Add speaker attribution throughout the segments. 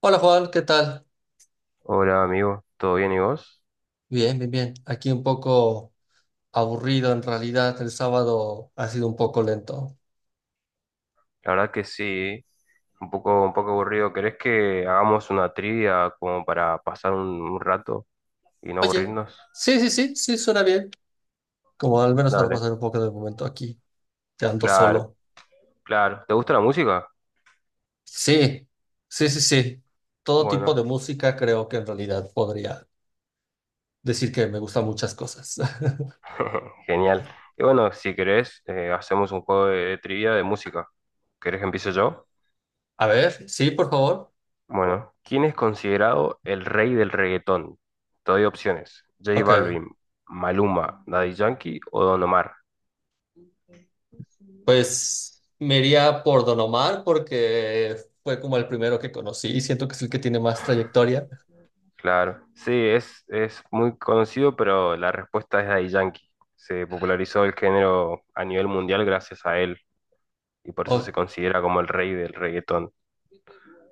Speaker 1: Hola Juan, ¿qué tal?
Speaker 2: Hola amigo, ¿todo bien y vos?
Speaker 1: Bien, bien, bien. Aquí un poco aburrido en realidad. El sábado ha sido un poco lento.
Speaker 2: La verdad que sí, un poco aburrido. ¿Querés que hagamos una trivia como para pasar un rato y no
Speaker 1: Oye,
Speaker 2: aburrirnos?
Speaker 1: sí, sí, sí, sí, suena bien. Como al menos para
Speaker 2: Dale,
Speaker 1: pasar un poco de momento aquí, quedando
Speaker 2: claro,
Speaker 1: solo.
Speaker 2: claro. ¿Te gusta la música?
Speaker 1: Sí, sí, sí, sí. Todo tipo de
Speaker 2: Bueno,
Speaker 1: música creo que en realidad podría decir que me gustan muchas cosas.
Speaker 2: genial. Y bueno, si querés, hacemos un juego de trivia de música. ¿Querés que empiece yo?
Speaker 1: A ver, sí, por favor.
Speaker 2: Bueno, ¿quién es considerado el rey del reggaetón? Te doy opciones. J
Speaker 1: Ok,
Speaker 2: Balvin, Maluma, Daddy Yankee o Don Omar.
Speaker 1: pues me iría por Don Omar porque fue como el primero que conocí y siento que es el que tiene más trayectoria.
Speaker 2: Claro, sí, es muy conocido, pero la respuesta es Daddy Yankee. Se popularizó el género a nivel mundial gracias a él y por eso se
Speaker 1: Ok.
Speaker 2: considera como el rey del reggaetón,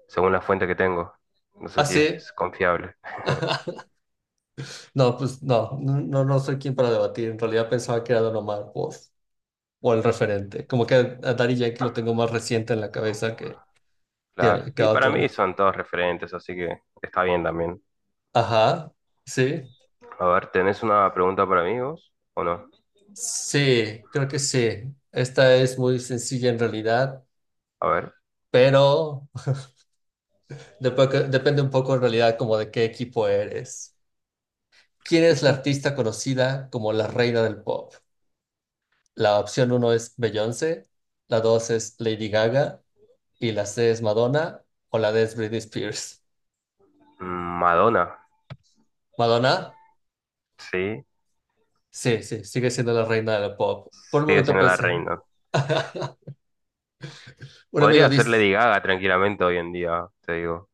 Speaker 2: según la fuente que tengo. No sé
Speaker 1: Ah,
Speaker 2: si
Speaker 1: sí.
Speaker 2: es confiable.
Speaker 1: No, pues no, no, no soy quien para debatir. En realidad pensaba que era Don Omar o, el referente. Como que a Daddy Yankee lo tengo más reciente en la cabeza que, que,
Speaker 2: Claro,
Speaker 1: a- que
Speaker 2: y
Speaker 1: a
Speaker 2: para mí
Speaker 1: otro.
Speaker 2: son todos referentes, así que está bien también.
Speaker 1: Ajá, sí.
Speaker 2: A ver, ¿tenés una pregunta para mí vos o no?
Speaker 1: Sí, creo que sí. Esta es muy sencilla en realidad,
Speaker 2: A ver.
Speaker 1: pero depende un poco en realidad como de qué equipo eres. ¿Quién
Speaker 2: Sí,
Speaker 1: es la
Speaker 2: sí.
Speaker 1: artista conocida como la reina del pop? La opción uno es Beyoncé, la dos es Lady Gaga, y la C es Madonna o la D es Britney Spears.
Speaker 2: Mm, Madonna,
Speaker 1: ¿Madonna?
Speaker 2: sí,
Speaker 1: Sí, sí, sigue siendo la reina del pop. Por un
Speaker 2: sigue
Speaker 1: momento
Speaker 2: siendo la
Speaker 1: pensé.
Speaker 2: reina.
Speaker 1: Un amigo
Speaker 2: Podría ser
Speaker 1: dice,
Speaker 2: Lady Gaga tranquilamente hoy en día, te digo.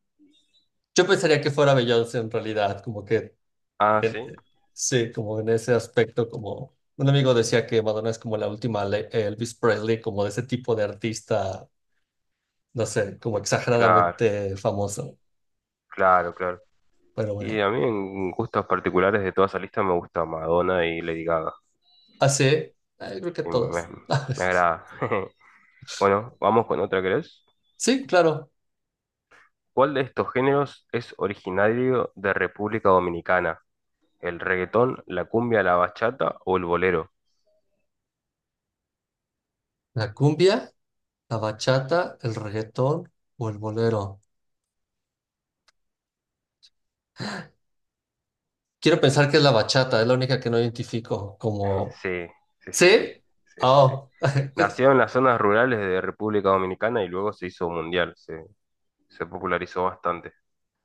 Speaker 1: yo pensaría que fuera Beyoncé en realidad, como que,
Speaker 2: Ah, sí,
Speaker 1: en- sí, como en ese aspecto, como un amigo decía que Madonna es como la última Elvis Presley, como de ese tipo de artista, no sé, como
Speaker 2: claro,
Speaker 1: exageradamente famoso,
Speaker 2: claro, claro.
Speaker 1: pero bueno.
Speaker 2: Y a mí en gustos particulares de toda esa lista me gusta Madonna y Lady Gaga.
Speaker 1: Así, creo que
Speaker 2: Y
Speaker 1: todos.
Speaker 2: me, me agrada. Bueno, vamos con otra, ¿querés?
Speaker 1: Sí, claro.
Speaker 2: ¿Cuál de estos géneros es originario de República Dominicana? ¿El reggaetón, la cumbia, la bachata o el bolero?
Speaker 1: La cumbia. ¿La bachata, el reggaetón o el bolero? Quiero pensar que es la bachata, es la única que no identifico como...
Speaker 2: Sí, sí, sí, sí,
Speaker 1: ¿Sí?
Speaker 2: sí, sí, sí.
Speaker 1: Oh, es-
Speaker 2: Nació en las zonas rurales de República Dominicana y luego se hizo mundial, se popularizó bastante.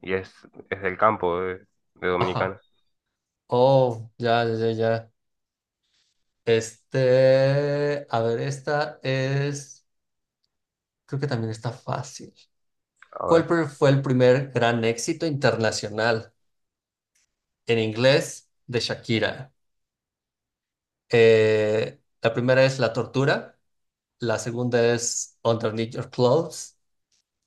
Speaker 2: Y es, es del campo de
Speaker 1: Ajá.
Speaker 2: Dominicana.
Speaker 1: Oh, ya, ya, ya, ya. Este, a ver, esta es, creo que también está fácil.
Speaker 2: A
Speaker 1: ¿Cuál
Speaker 2: ver,
Speaker 1: pre- fue el primer gran éxito internacional en inglés de Shakira? La primera es La Tortura, la segunda es Underneath Your Clothes.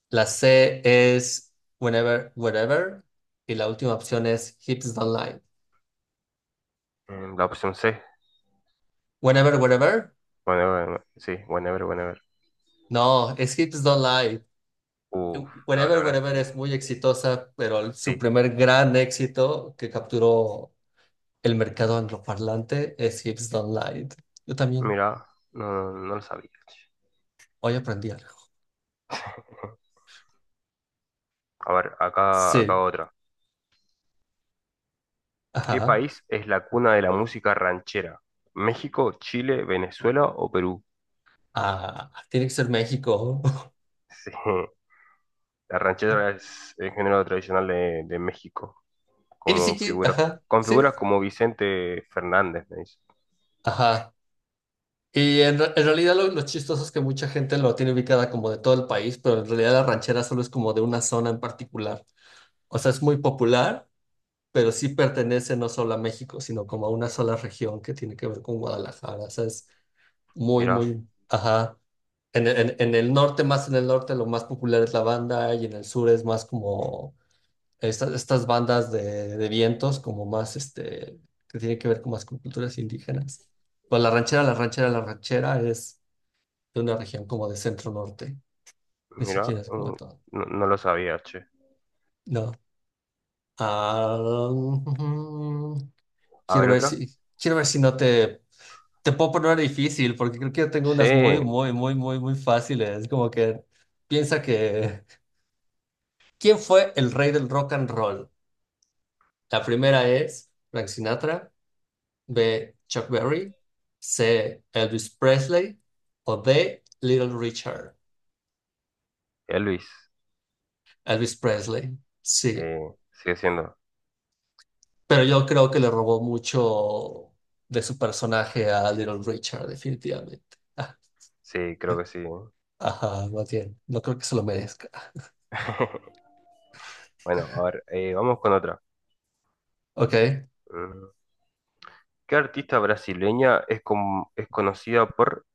Speaker 1: La C es whenever, wherever. Y la última opción es hips don't lie.
Speaker 2: la opción C.
Speaker 1: Whenever, wherever.
Speaker 2: Whenever, sí, whenever.
Speaker 1: No, es hips don't lie.
Speaker 2: Uf, no, la
Speaker 1: Whenever,
Speaker 2: verdad es
Speaker 1: wherever
Speaker 2: que
Speaker 1: es muy exitosa, pero su
Speaker 2: sí.
Speaker 1: primer gran éxito que capturó el mercado angloparlante es hips don't lie. Yo también
Speaker 2: Mira, no lo sabía.
Speaker 1: hoy aprendí algo.
Speaker 2: A ver, acá
Speaker 1: Sí,
Speaker 2: otra. ¿Qué
Speaker 1: ajá.
Speaker 2: país es la cuna de la música ranchera? ¿México, Chile, Venezuela o Perú?
Speaker 1: Ah, tiene que ser México.
Speaker 2: Sí, la ranchera es el género tradicional de México,
Speaker 1: Y ni
Speaker 2: como
Speaker 1: siquiera,
Speaker 2: figura,
Speaker 1: ajá,
Speaker 2: con
Speaker 1: sí,
Speaker 2: figuras como Vicente Fernández, me dice.
Speaker 1: ajá. Y en realidad lo chistoso es que mucha gente lo tiene ubicada como de todo el país, pero en realidad la ranchera solo es como de una zona en particular. O sea, es muy popular, pero sí pertenece no solo a México, sino como a una sola región que tiene que ver con Guadalajara. O sea, es muy,
Speaker 2: Mira,
Speaker 1: muy, ajá. En el norte, más en el norte, lo más popular es la banda y en el sur es más como estas bandas de vientos, como más, este, que tiene que ver con más con culturas indígenas. Pues la ranchera es de una región como de centro norte, ni
Speaker 2: mira,
Speaker 1: siquiera es como de
Speaker 2: mm,
Speaker 1: todo.
Speaker 2: no, no lo sabía, che.
Speaker 1: No. Ah, ujú.
Speaker 2: A
Speaker 1: quiero
Speaker 2: ver,
Speaker 1: ver
Speaker 2: otra.
Speaker 1: si, quiero ver si no te puedo poner una difícil, porque creo que yo tengo
Speaker 2: Sí,
Speaker 1: unas muy, muy, muy, muy, muy fáciles. Como que piensa que, ¿quién fue el rey del rock and roll? La primera es Frank Sinatra, B, Chuck Berry, C, Elvis Presley o D, Little Richard.
Speaker 2: Elvis,
Speaker 1: Elvis Presley.
Speaker 2: sí,
Speaker 1: Sí.
Speaker 2: sigue siendo.
Speaker 1: Pero yo creo que le robó mucho de su personaje a Little Richard, definitivamente. Ah,
Speaker 2: Sí, creo que sí.
Speaker 1: ajá, más bien. No creo que se lo merezca.
Speaker 2: Bueno, a ver, vamos con otra.
Speaker 1: Ok.
Speaker 2: Mm. ¿Qué artista brasileña es, es conocida por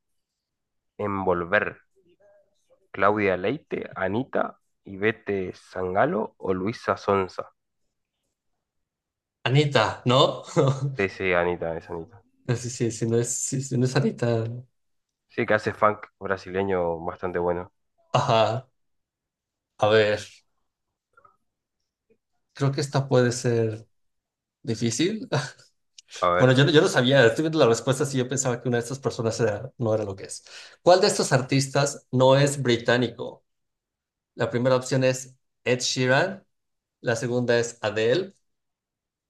Speaker 2: envolver? ¿Claudia Leite, Anita, Ivete Sangalo o Luisa Sonza?
Speaker 1: Anita, ¿no?
Speaker 2: Sí, sí, Anita, es Anita.
Speaker 1: No, sí, sí, sí, no es, sí, sí, no es Anita, ¿no?
Speaker 2: Sí, que hace funk brasileño bastante bueno.
Speaker 1: Ajá. A ver, creo que esta puede ser difícil.
Speaker 2: A
Speaker 1: Bueno,
Speaker 2: ver,
Speaker 1: yo no sabía, estoy viendo la respuesta y yo pensaba que una de estas personas no era lo que es. ¿Cuál de estos artistas no es británico? La primera opción es Ed Sheeran, la segunda es Adele.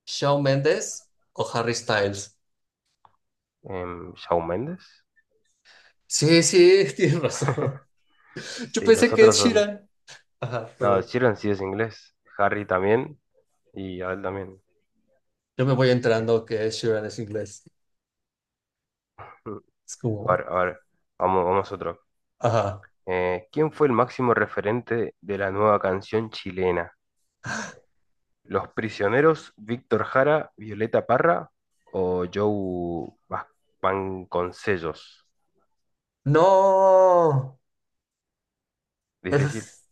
Speaker 1: ¿Shawn Mendes o Harry Styles?
Speaker 2: Shawn Mendes.
Speaker 1: Sí, sí, tienes razón. Yo
Speaker 2: Sí, los
Speaker 1: pensé que es
Speaker 2: otros son.
Speaker 1: Sheeran. Ajá,
Speaker 2: No,
Speaker 1: pero
Speaker 2: Sheeran sí es inglés. Harry también. Y Adele también.
Speaker 1: yo me voy
Speaker 2: Así que.
Speaker 1: enterando que Ed Sheeran es inglés. Es
Speaker 2: A ver,
Speaker 1: como,
Speaker 2: a ver. Vamos a otro.
Speaker 1: ajá.
Speaker 2: ¿Quién fue el máximo referente de la nueva canción chilena? ¿Los Prisioneros, Víctor Jara, Violeta Parra o Vasconcellos?
Speaker 1: No.
Speaker 2: Difícil.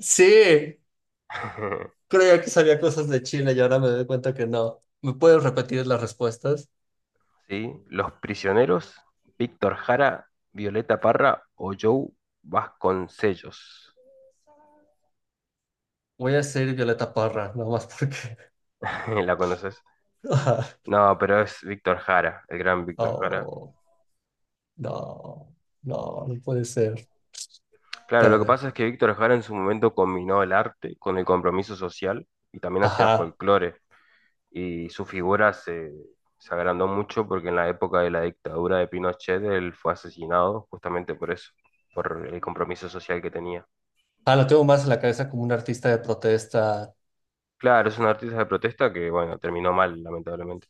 Speaker 1: Sí, creía que sabía cosas de China y ahora me doy cuenta que no. ¿Me puedes repetir las respuestas?
Speaker 2: Sí, Los Prisioneros, Víctor Jara, Violeta Parra o Joe Vasconcellos.
Speaker 1: Voy a ser Violeta Parra, nomás porque.
Speaker 2: ¿La conoces?
Speaker 1: Ajá.
Speaker 2: No, pero es Víctor Jara, el gran Víctor Jara.
Speaker 1: Oh, no, no, no puede ser.
Speaker 2: Claro, lo
Speaker 1: Espera.
Speaker 2: que pasa es que Víctor Jara en su momento combinó el arte con el compromiso social y también hacía
Speaker 1: Ajá.
Speaker 2: folclore. Y su se agrandó mucho porque en la época de la dictadura de Pinochet él fue asesinado justamente por eso, por el compromiso social que tenía.
Speaker 1: Ah, lo tengo más en la cabeza como un artista de protesta.
Speaker 2: Claro, es un artista de protesta que, bueno, terminó mal, lamentablemente.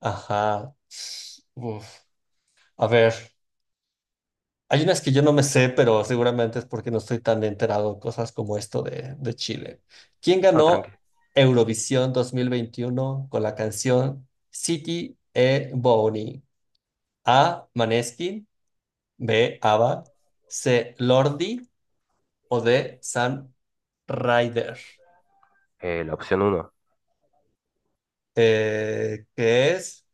Speaker 1: Ajá. Uf. A ver, hay unas que yo no me sé, pero seguramente es porque no estoy tan enterado en cosas como esto de Chile. ¿Quién
Speaker 2: No, tranqui.
Speaker 1: ganó Eurovisión 2021 con la canción City e Boni? A. Maneskin, B. ABBA, C. Lordi o D. San Ryder.
Speaker 2: La opción 1.
Speaker 1: ¿Qué es?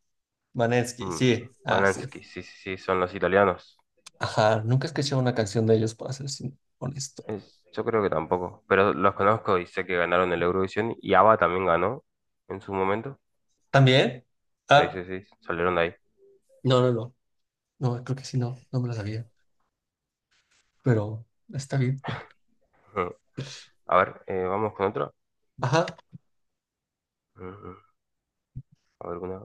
Speaker 1: Maneskin, sí. Ah, sí.
Speaker 2: Manansky, sí, sí, sí, son los italianos.
Speaker 1: Ajá, nunca escuché una canción de ellos, para ser honesto.
Speaker 2: Es- yo creo que tampoco, pero los conozco y sé que ganaron el Eurovisión y ABBA también ganó en su momento.
Speaker 1: ¿También?
Speaker 2: Sí,
Speaker 1: Ah,
Speaker 2: sí, sí, salieron de ahí.
Speaker 1: no, no, no. No, creo que sí, no, no me lo sabía. Pero está bien.
Speaker 2: Ujú. A ver, vamos con otra.
Speaker 1: Ajá.
Speaker 2: Ujú. A ver, una.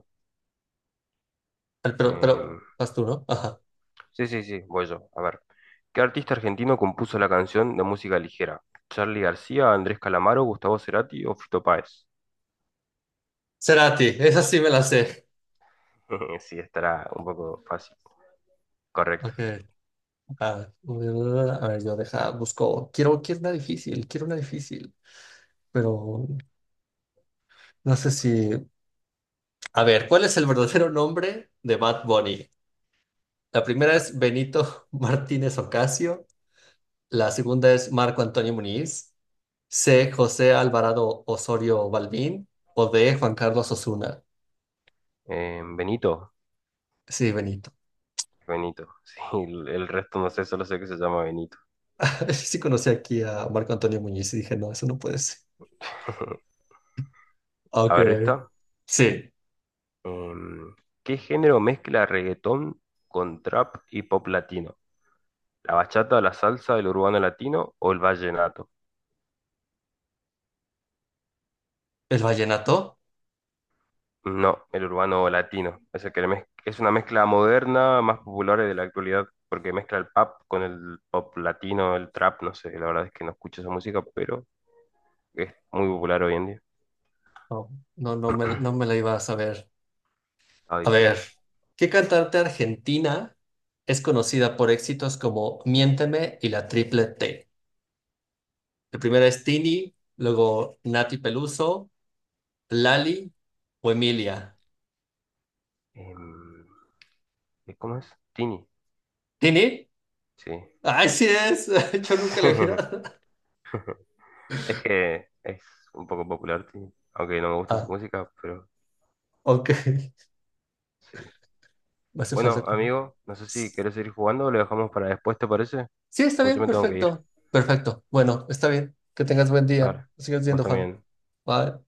Speaker 1: Pero
Speaker 2: em,
Speaker 1: vas tú, ¿no? Ajá.
Speaker 2: Sí, sí, sí, voy yo. A ver. ¿Qué artista argentino compuso la canción de música ligera? ¿Charly García, Andrés Calamaro, Gustavo Cerati o Fito Páez?
Speaker 1: Cerati, esa sí me la sé.
Speaker 2: Sí, estará un poco fácil. Correcto.
Speaker 1: Ok. A ver, a ver, yo deja, busco. Quiero una difícil, quiero una difícil. Pero no sé si. A ver, ¿cuál es el verdadero nombre de Bad Bunny? La primera es Benito Martínez Ocasio. La segunda es Marco Antonio Muniz. C. José Alvarado Osorio Balbín o D. Juan Carlos Osuna.
Speaker 2: Benito.
Speaker 1: Sí, Benito.
Speaker 2: Benito. Sí, el resto no sé, solo sé que se llama Benito.
Speaker 1: Sí conocí aquí a Marco Antonio Muñiz y dije, no, eso no puede ser. Ah,
Speaker 2: A
Speaker 1: ok.
Speaker 2: ver esta.
Speaker 1: Sí,
Speaker 2: Em, ¿Qué género mezcla reggaetón con trap y pop latino? ¿La bachata, la salsa, el urbano latino o el vallenato?
Speaker 1: el vallenato.
Speaker 2: No, el urbano latino. Es, el que es una mezcla moderna, más popular de la actualidad, porque mezcla el pop con el pop latino, el trap, no sé, la verdad es que no escucho esa música, pero es muy popular hoy en día.
Speaker 1: No, no, no me la iba a saber.
Speaker 2: Ah,
Speaker 1: A
Speaker 2: difícil.
Speaker 1: ver, ¿qué cantante argentina es conocida por éxitos como Miénteme y la Triple T? La primera es Tini, luego Nati Peluso, Lali o Emilia.
Speaker 2: Em, ¿Y ¿cómo es? Tini,
Speaker 1: ¿Tini?
Speaker 2: sí.
Speaker 1: ¡Ay, sí es! Yo nunca la vi.
Speaker 2: Es que es un poco popular, Tini, aunque no me gusta su
Speaker 1: Ah,
Speaker 2: música, pero
Speaker 1: ok.
Speaker 2: sí.
Speaker 1: Me hace falta.
Speaker 2: Bueno, amigo, no sé si querés seguir jugando o lo dejamos para después, ¿te parece?
Speaker 1: Sí, está
Speaker 2: Porque yo
Speaker 1: bien,
Speaker 2: me tengo que ir.
Speaker 1: perfecto. Perfecto. Bueno, está bien. Que tengas buen día.
Speaker 2: Dale,
Speaker 1: Sigues
Speaker 2: vos
Speaker 1: viendo, Juan.
Speaker 2: también.
Speaker 1: Bye.